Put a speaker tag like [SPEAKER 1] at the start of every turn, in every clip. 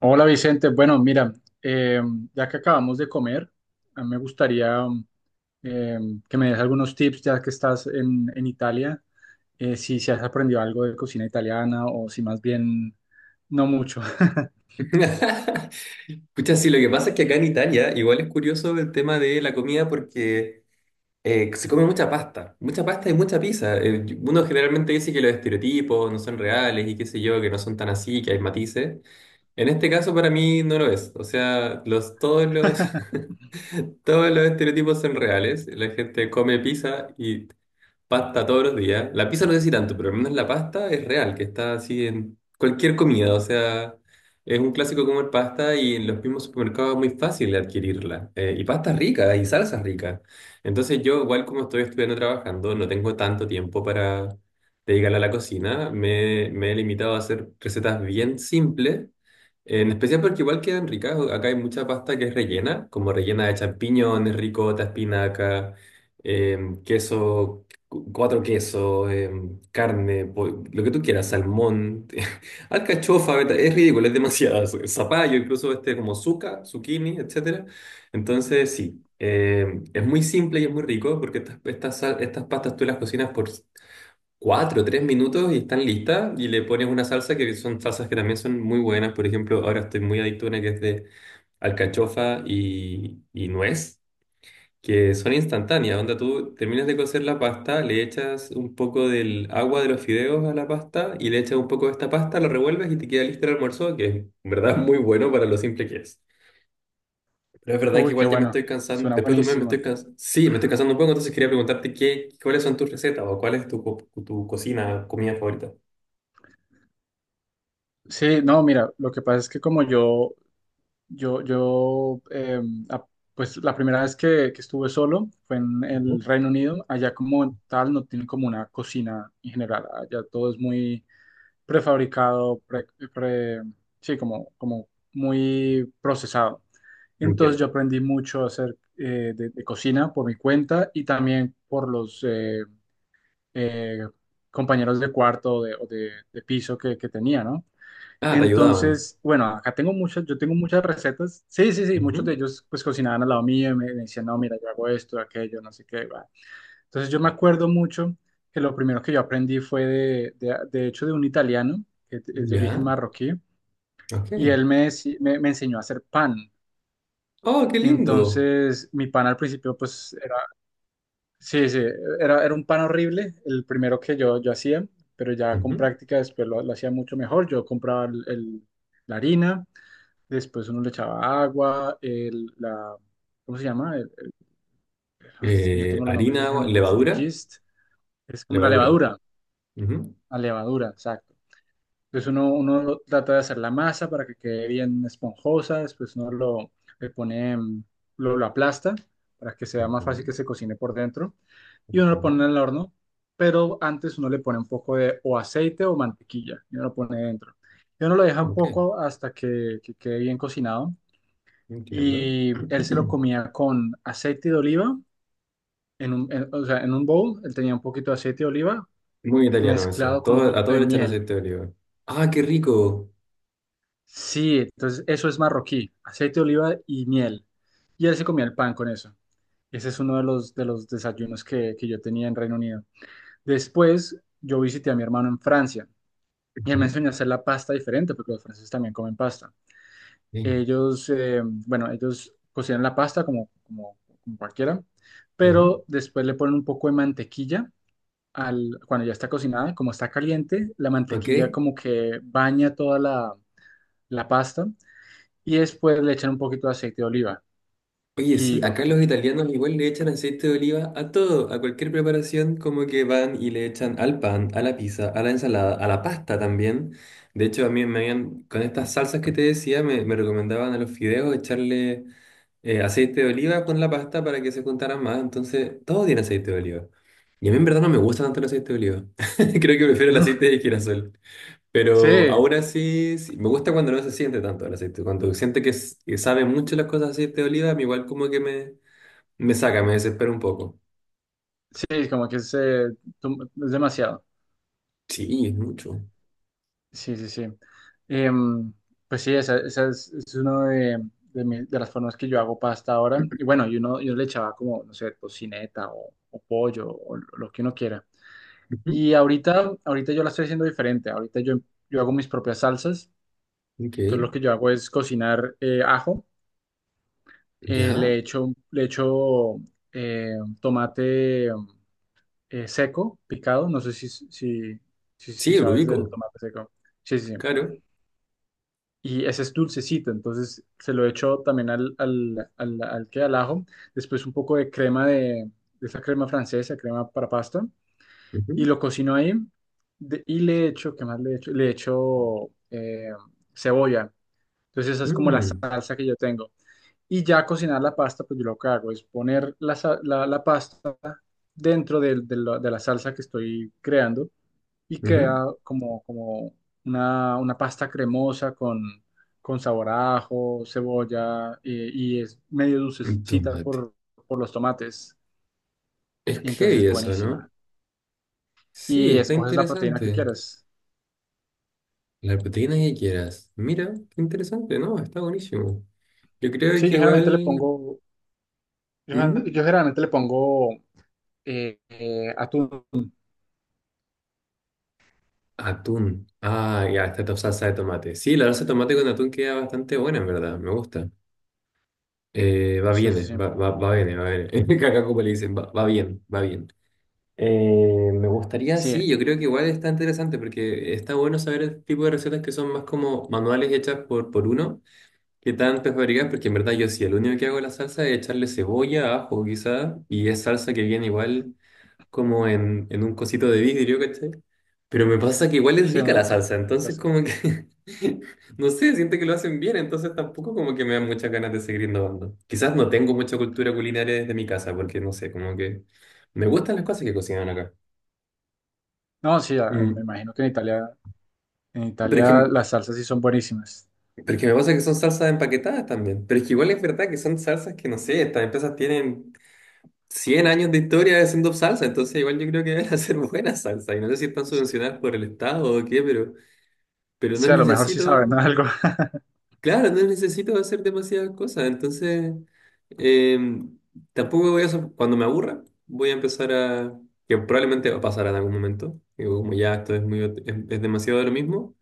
[SPEAKER 1] Hola Vicente, bueno, mira, eh, ya que acabamos de comer, a mí me gustaría eh, que me des algunos tips ya que estás en Italia, si has aprendido algo de cocina italiana o si más bien no mucho.
[SPEAKER 2] Pucha, sí, lo que pasa es que acá en Italia igual es curioso el tema de la comida porque se come mucha pasta y mucha pizza. Uno generalmente dice que los estereotipos no son reales y qué sé yo, que no son tan así, que hay matices. En este caso para mí no lo es. O sea, todos los estereotipos son reales. La gente come pizza y pasta todos los días. La pizza no sé si tanto, pero al menos la pasta es real, que está así en cualquier comida. O sea, es un clásico comer pasta y en los mismos supermercados es muy fácil adquirirla. Y pasta rica y salsa rica. Entonces yo, igual como estoy estudiando trabajando, no tengo tanto tiempo para dedicarle a la cocina. Me he limitado a hacer recetas bien simples, en especial porque igual quedan ricas. Acá hay mucha pasta que es rellena, como rellena de champiñones, ricota, espinaca, queso, cuatro quesos, carne, lo que tú quieras, salmón, alcachofa, es ridículo, es demasiado. Zapallo, incluso este como zuca, zucchini, etcétera. Entonces, sí, es muy simple y es muy rico porque estas pastas tú las cocinas por 4, 3 minutos y están listas, y le pones una salsa que son salsas que también son muy buenas. Por ejemplo, ahora estoy muy adicto a una que es de alcachofa y nuez, que son instantáneas. Onda, tú terminas de cocer la pasta, le echas un poco del agua de los fideos a la pasta y le echas un poco de esta pasta, lo revuelves y te queda listo el almuerzo, que es en verdad muy bueno para lo simple que es. Pero es verdad que
[SPEAKER 1] Uy, qué
[SPEAKER 2] igual ya me
[SPEAKER 1] bueno,
[SPEAKER 2] estoy cansando,
[SPEAKER 1] suena
[SPEAKER 2] después de un mes me estoy
[SPEAKER 1] buenísimo.
[SPEAKER 2] cansando, sí, me estoy cansando un poco, entonces quería preguntarte qué, cuáles son tus recetas o cuál es tu, tu cocina, comida favorita.
[SPEAKER 1] Sí, no, mira, lo que pasa es que como yo Yo, yo a- pues la primera vez que estuve solo fue en el Reino Unido. Allá como tal no tienen como una cocina en general. Allá todo es muy prefabricado, pre- pre- sí, como muy procesado. Entonces yo
[SPEAKER 2] Entiendo.
[SPEAKER 1] aprendí mucho a hacer de cocina por mi cuenta y también por los eh, compañeros de cuarto o de piso que tenía, ¿no?
[SPEAKER 2] Ah, te ayudaban.
[SPEAKER 1] Entonces, bueno, acá tengo muchas, yo tengo muchas recetas. Sí, sí, sí, muchos de
[SPEAKER 2] Ujú.
[SPEAKER 1] ellos pues cocinaban al lado mío y me decían, "No, mira, yo hago esto, aquello, no sé qué va". Entonces yo me acuerdo mucho que lo primero que yo aprendí fue de hecho de un italiano, que es de origen
[SPEAKER 2] Ya,
[SPEAKER 1] marroquí,
[SPEAKER 2] ok.
[SPEAKER 1] y él me enseñó a hacer pan.
[SPEAKER 2] Oh, qué
[SPEAKER 1] Y
[SPEAKER 2] lindo.
[SPEAKER 1] entonces mi pan al principio pues era, sí, sí, era un pan horrible, el primero que yo hacía, pero ya con
[SPEAKER 2] Ujú.
[SPEAKER 1] práctica después lo hacía mucho mejor. Yo compraba la harina. Después uno le echaba agua, ¿cómo se llama? El… Es que yo tengo los
[SPEAKER 2] Harina,
[SPEAKER 1] nombres en
[SPEAKER 2] agua,
[SPEAKER 1] inglés, the
[SPEAKER 2] levadura,
[SPEAKER 1] gist, es como
[SPEAKER 2] levadura. Ujú,
[SPEAKER 1] la levadura, exacto. Entonces uno trata de hacer la masa para que quede bien esponjosa, después uno lo, le pone, mm, lo aplasta para que sea
[SPEAKER 2] ok,
[SPEAKER 1] más fácil que se cocine por dentro y uno lo
[SPEAKER 2] ujú.
[SPEAKER 1] pone en el horno, pero antes uno le pone un poco de o aceite o mantequilla y uno lo pone dentro. Y uno lo deja
[SPEAKER 2] Ah,
[SPEAKER 1] un
[SPEAKER 2] ok,
[SPEAKER 1] poco hasta que quede bien cocinado
[SPEAKER 2] entiendo.
[SPEAKER 1] y él se lo comía con aceite de oliva, o sea, en un bowl, él tenía un poquito de aceite de oliva
[SPEAKER 2] Muy italiano eso.
[SPEAKER 1] mezclado con un
[SPEAKER 2] A
[SPEAKER 1] poquito
[SPEAKER 2] todo
[SPEAKER 1] de
[SPEAKER 2] le echan
[SPEAKER 1] miel.
[SPEAKER 2] aceite de oliva. Ah, qué rico.
[SPEAKER 1] Sí, entonces eso es marroquí, aceite de oliva y miel. Y él se comía el pan con eso. Ese es uno de los desayunos que yo tenía en Reino Unido. Después yo visité a mi hermano en Francia y él me
[SPEAKER 2] Ujú,
[SPEAKER 1] enseñó a hacer la pasta diferente porque los franceses también comen pasta.
[SPEAKER 2] bien.
[SPEAKER 1] Ellos, bueno, ellos cocinan la pasta como cualquiera,
[SPEAKER 2] Ujú,
[SPEAKER 1] pero después le ponen un poco de mantequilla al, cuando ya está cocinada, como está caliente, la
[SPEAKER 2] ok.
[SPEAKER 1] mantequilla como que baña toda la pasta y después le echan un poquito de aceite de oliva
[SPEAKER 2] Oye,
[SPEAKER 1] y
[SPEAKER 2] sí,
[SPEAKER 1] lo que
[SPEAKER 2] acá
[SPEAKER 1] tú
[SPEAKER 2] los
[SPEAKER 1] quieras.
[SPEAKER 2] italianos igual le echan aceite de oliva a todo, a cualquier preparación, como que van y le echan al pan, a la pizza, a la ensalada, a la pasta también. De hecho, a mí me habían, con estas salsas que te decía, me recomendaban a los fideos echarle aceite de oliva con la pasta para que se juntaran más. Entonces, todo tiene aceite de oliva. Y a mí en verdad no me gusta tanto el aceite de oliva. Creo que prefiero el aceite de girasol. Pero
[SPEAKER 1] Sí,
[SPEAKER 2] ahora sí, sí, me gusta cuando no se siente tanto el aceite. Cuando siente que, que sabe mucho las cosas de aceite de oliva, a mí igual como que me saca, me desespera un poco.
[SPEAKER 1] sí, como que es, es demasiado.
[SPEAKER 2] Sí, es mucho.
[SPEAKER 1] Sí, sí, sí. Em, pues sí, es una de de las formas que yo hago pasta ahora. Y bueno, yo, no, yo le echaba como, no sé, tocineta o pollo o lo que uno quiera.
[SPEAKER 2] Ujú.
[SPEAKER 1] Y ahorita, ahorita yo la estoy haciendo diferente. Ahorita yo hago mis propias salsas.
[SPEAKER 2] Ok,
[SPEAKER 1] Entonces lo que yo hago es cocinar ajo.
[SPEAKER 2] ¿ya?
[SPEAKER 1] Le echo tomate seco, picado. No sé si
[SPEAKER 2] Sí, lo
[SPEAKER 1] sabes del
[SPEAKER 2] ubico,
[SPEAKER 1] tomate seco. Sí, sí, sí.
[SPEAKER 2] claro.
[SPEAKER 1] Y ese es dulcecito, entonces se lo echo también al ajo, después un poco de crema de esa crema francesa, crema para pasta,
[SPEAKER 2] Ujú,
[SPEAKER 1] y lo cocino ahí, y le echo, ¿qué más le echo? Le echo cebolla, entonces esa es como la
[SPEAKER 2] mm,
[SPEAKER 1] salsa que yo tengo. Y ya cocinar la pasta, pues yo lo que hago es poner la pasta dentro de la salsa que estoy creando y
[SPEAKER 2] ujú.
[SPEAKER 1] queda como una pasta cremosa con sabor a ajo, cebolla y es medio
[SPEAKER 2] Un
[SPEAKER 1] dulcecita
[SPEAKER 2] tomate.
[SPEAKER 1] por los tomates
[SPEAKER 2] Es
[SPEAKER 1] y entonces
[SPEAKER 2] heavy
[SPEAKER 1] es
[SPEAKER 2] eso, ¿no?
[SPEAKER 1] buenísima.
[SPEAKER 2] Sí,
[SPEAKER 1] Y
[SPEAKER 2] está
[SPEAKER 1] escoges la proteína que
[SPEAKER 2] interesante.
[SPEAKER 1] quieras.
[SPEAKER 2] La proteína que quieras. Mira, qué interesante, ¿no? Está buenísimo. Yo creo
[SPEAKER 1] Sí, yo
[SPEAKER 2] que
[SPEAKER 1] generalmente le
[SPEAKER 2] igual...
[SPEAKER 1] pongo, yo, gen-
[SPEAKER 2] Ujú.
[SPEAKER 1] yo generalmente le pongo atún.
[SPEAKER 2] Atún. Ah, ya, esta salsa de tomate. Sí, la salsa de tomate con atún queda bastante buena, en verdad. Me gusta. Va
[SPEAKER 1] Sí,
[SPEAKER 2] bien,
[SPEAKER 1] sí,
[SPEAKER 2] eh,
[SPEAKER 1] sí.
[SPEAKER 2] va, va, va bien, va bien. Acá como le dicen, va bien, va bien. Me gustaría, sí,
[SPEAKER 1] Sí,
[SPEAKER 2] yo creo que igual está interesante porque está bueno saber el tipo de recetas que son más como manuales hechas por uno que tan prefabricadas, porque en verdad yo sí, el único que hago la salsa es echarle cebolla, ajo quizá, y es salsa que viene igual como en un cosito de vidrio, ¿cachai? Pero me pasa que igual es
[SPEAKER 1] sí,
[SPEAKER 2] rica la
[SPEAKER 1] un
[SPEAKER 2] salsa, entonces
[SPEAKER 1] fresco.
[SPEAKER 2] como que, no sé, siento que lo hacen bien, entonces tampoco como que me dan muchas ganas de seguir innovando. Quizás no tengo mucha cultura culinaria desde mi casa, porque no sé, como que me gustan las cosas que cocinan acá.
[SPEAKER 1] No, sí,
[SPEAKER 2] Mm.
[SPEAKER 1] me imagino que en
[SPEAKER 2] Pero es
[SPEAKER 1] Italia
[SPEAKER 2] que,
[SPEAKER 1] las salsas sí son buenísimas.
[SPEAKER 2] pero es que me pasa que son salsas empaquetadas también, pero es que igual es verdad que son salsas que, no sé, estas empresas tienen 100 años de historia haciendo salsa, entonces igual yo creo que deben hacer buena salsa, y no sé si están subvencionadas por el Estado o qué, pero no
[SPEAKER 1] Sí, a lo mejor sí saben
[SPEAKER 2] necesito,
[SPEAKER 1] algo.
[SPEAKER 2] claro, no necesito hacer demasiadas cosas, entonces eh, tampoco voy a, cuando me aburra, voy a empezar a, que probablemente va a pasar en algún momento, digo, como ya esto es muy, es demasiado de lo mismo,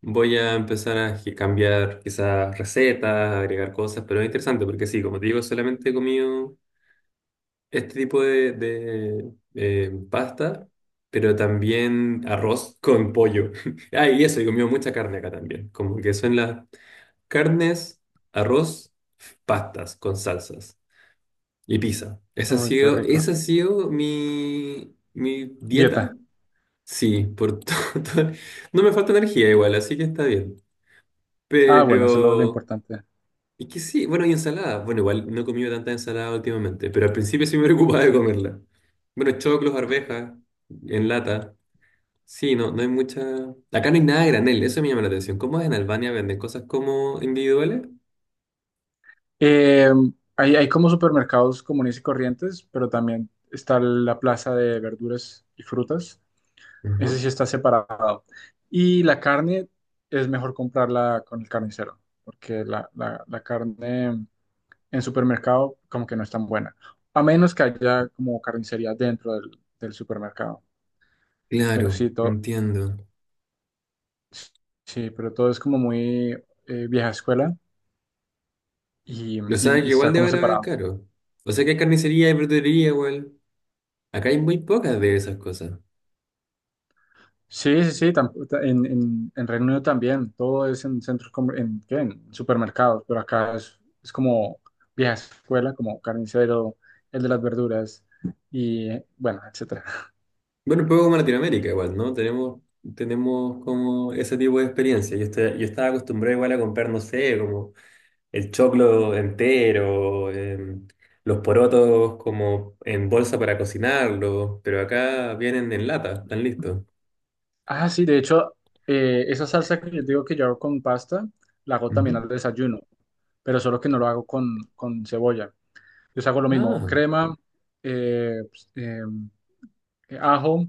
[SPEAKER 2] voy a empezar a cambiar quizás recetas, agregar cosas, pero es interesante porque sí, como te digo, solamente he comido este tipo de pasta. Pero también arroz con pollo. Ah, y eso, he comido mucha carne acá también. Como que son las carnes, arroz, pastas con salsas y pizza. Esa ha
[SPEAKER 1] Uy, qué
[SPEAKER 2] sido,
[SPEAKER 1] rico.
[SPEAKER 2] esa ha sido mi dieta.
[SPEAKER 1] Dieta.
[SPEAKER 2] Sí, por todo. No me falta energía igual, así que está bien.
[SPEAKER 1] Ah, bueno, eso es lo
[SPEAKER 2] Pero...
[SPEAKER 1] importante.
[SPEAKER 2] Y que sí, bueno, y ensalada. Bueno, igual no he comido tanta ensalada últimamente, pero al principio sí me preocupaba de comerla. Bueno, choclos, arvejas, en lata. Sí, no, no hay mucha... Acá no hay nada a
[SPEAKER 1] Mm.
[SPEAKER 2] granel, eso me llama la atención. ¿Cómo es en Albania? ¿Venden cosas como individuales?
[SPEAKER 1] Eh, hay, hay como supermercados comunes y corrientes, pero también está la plaza de verduras y frutas.
[SPEAKER 2] Ajá.
[SPEAKER 1] Ese sí está separado. Y la carne es mejor comprarla con el carnicero, porque la carne en supermercado como que no es tan buena, a menos que haya como carnicería dentro del supermercado. Pero
[SPEAKER 2] Claro,
[SPEAKER 1] sí, todo,
[SPEAKER 2] entiendo.
[SPEAKER 1] sí, pero todo es como muy vieja escuela y,
[SPEAKER 2] O sea,
[SPEAKER 1] y
[SPEAKER 2] que igual
[SPEAKER 1] está como
[SPEAKER 2] deben haber
[SPEAKER 1] separado.
[SPEAKER 2] caro. O sea, que hay carnicería, hay verdulería igual. Acá hay muy pocas de esas cosas.
[SPEAKER 1] Sí, sí, sí, en Reino Unido también, todo es en centros, ¿qué?, en supermercados, pero acá es como vieja escuela, como carnicero, el de las verduras y bueno, etcétera.
[SPEAKER 2] Bueno, un poco como Latinoamérica igual, ¿no? Tenemos como ese tipo de experiencia. Yo estaba acostumbrado igual a comprar, no sé, como el choclo entero, los porotos como en bolsa para cocinarlos, pero acá vienen en lata, están listos.
[SPEAKER 1] Ah, sí, de hecho, esa salsa que yo digo que yo hago con pasta, la hago también
[SPEAKER 2] Ujú.
[SPEAKER 1] al desayuno, pero solo que no lo hago con cebolla. Yo hago lo mismo,
[SPEAKER 2] Ah,
[SPEAKER 1] crema, eh, pues, eh, ajo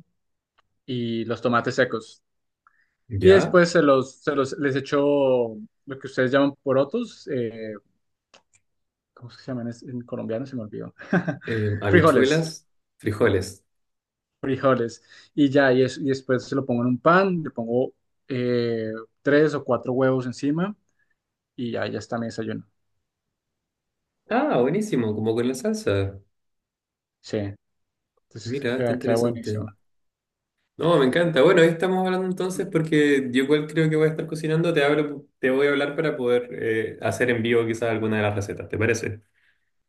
[SPEAKER 1] y los tomates secos. Y
[SPEAKER 2] ya.
[SPEAKER 1] después les echó lo que ustedes llaman porotos, ¿cómo se llaman? En colombiano se me olvidó. Frijoles,
[SPEAKER 2] Habichuelas, frijoles.
[SPEAKER 1] frijoles. Y ya, y después se lo pongo en un pan, le pongo eh, tres o cuatro huevos encima y ya, ya está mi desayuno.
[SPEAKER 2] Ah, buenísimo, como con la salsa.
[SPEAKER 1] Sí, entonces
[SPEAKER 2] Mira, está
[SPEAKER 1] queda, queda buenísimo.
[SPEAKER 2] interesante. No, me encanta. Bueno, ahí estamos hablando entonces porque yo igual creo que voy a estar cocinando. Te hablo, te voy a hablar para poder hacer en vivo quizás alguna de las recetas, ¿te parece?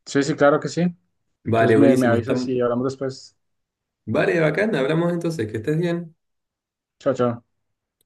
[SPEAKER 1] Sí, sí, claro que sí.
[SPEAKER 2] Vale,
[SPEAKER 1] Entonces me
[SPEAKER 2] buenísimo.
[SPEAKER 1] avisas
[SPEAKER 2] Estamos...
[SPEAKER 1] y hablamos después.
[SPEAKER 2] Vale, bacán. Hablamos entonces. Que estés bien.
[SPEAKER 1] Chao, chao.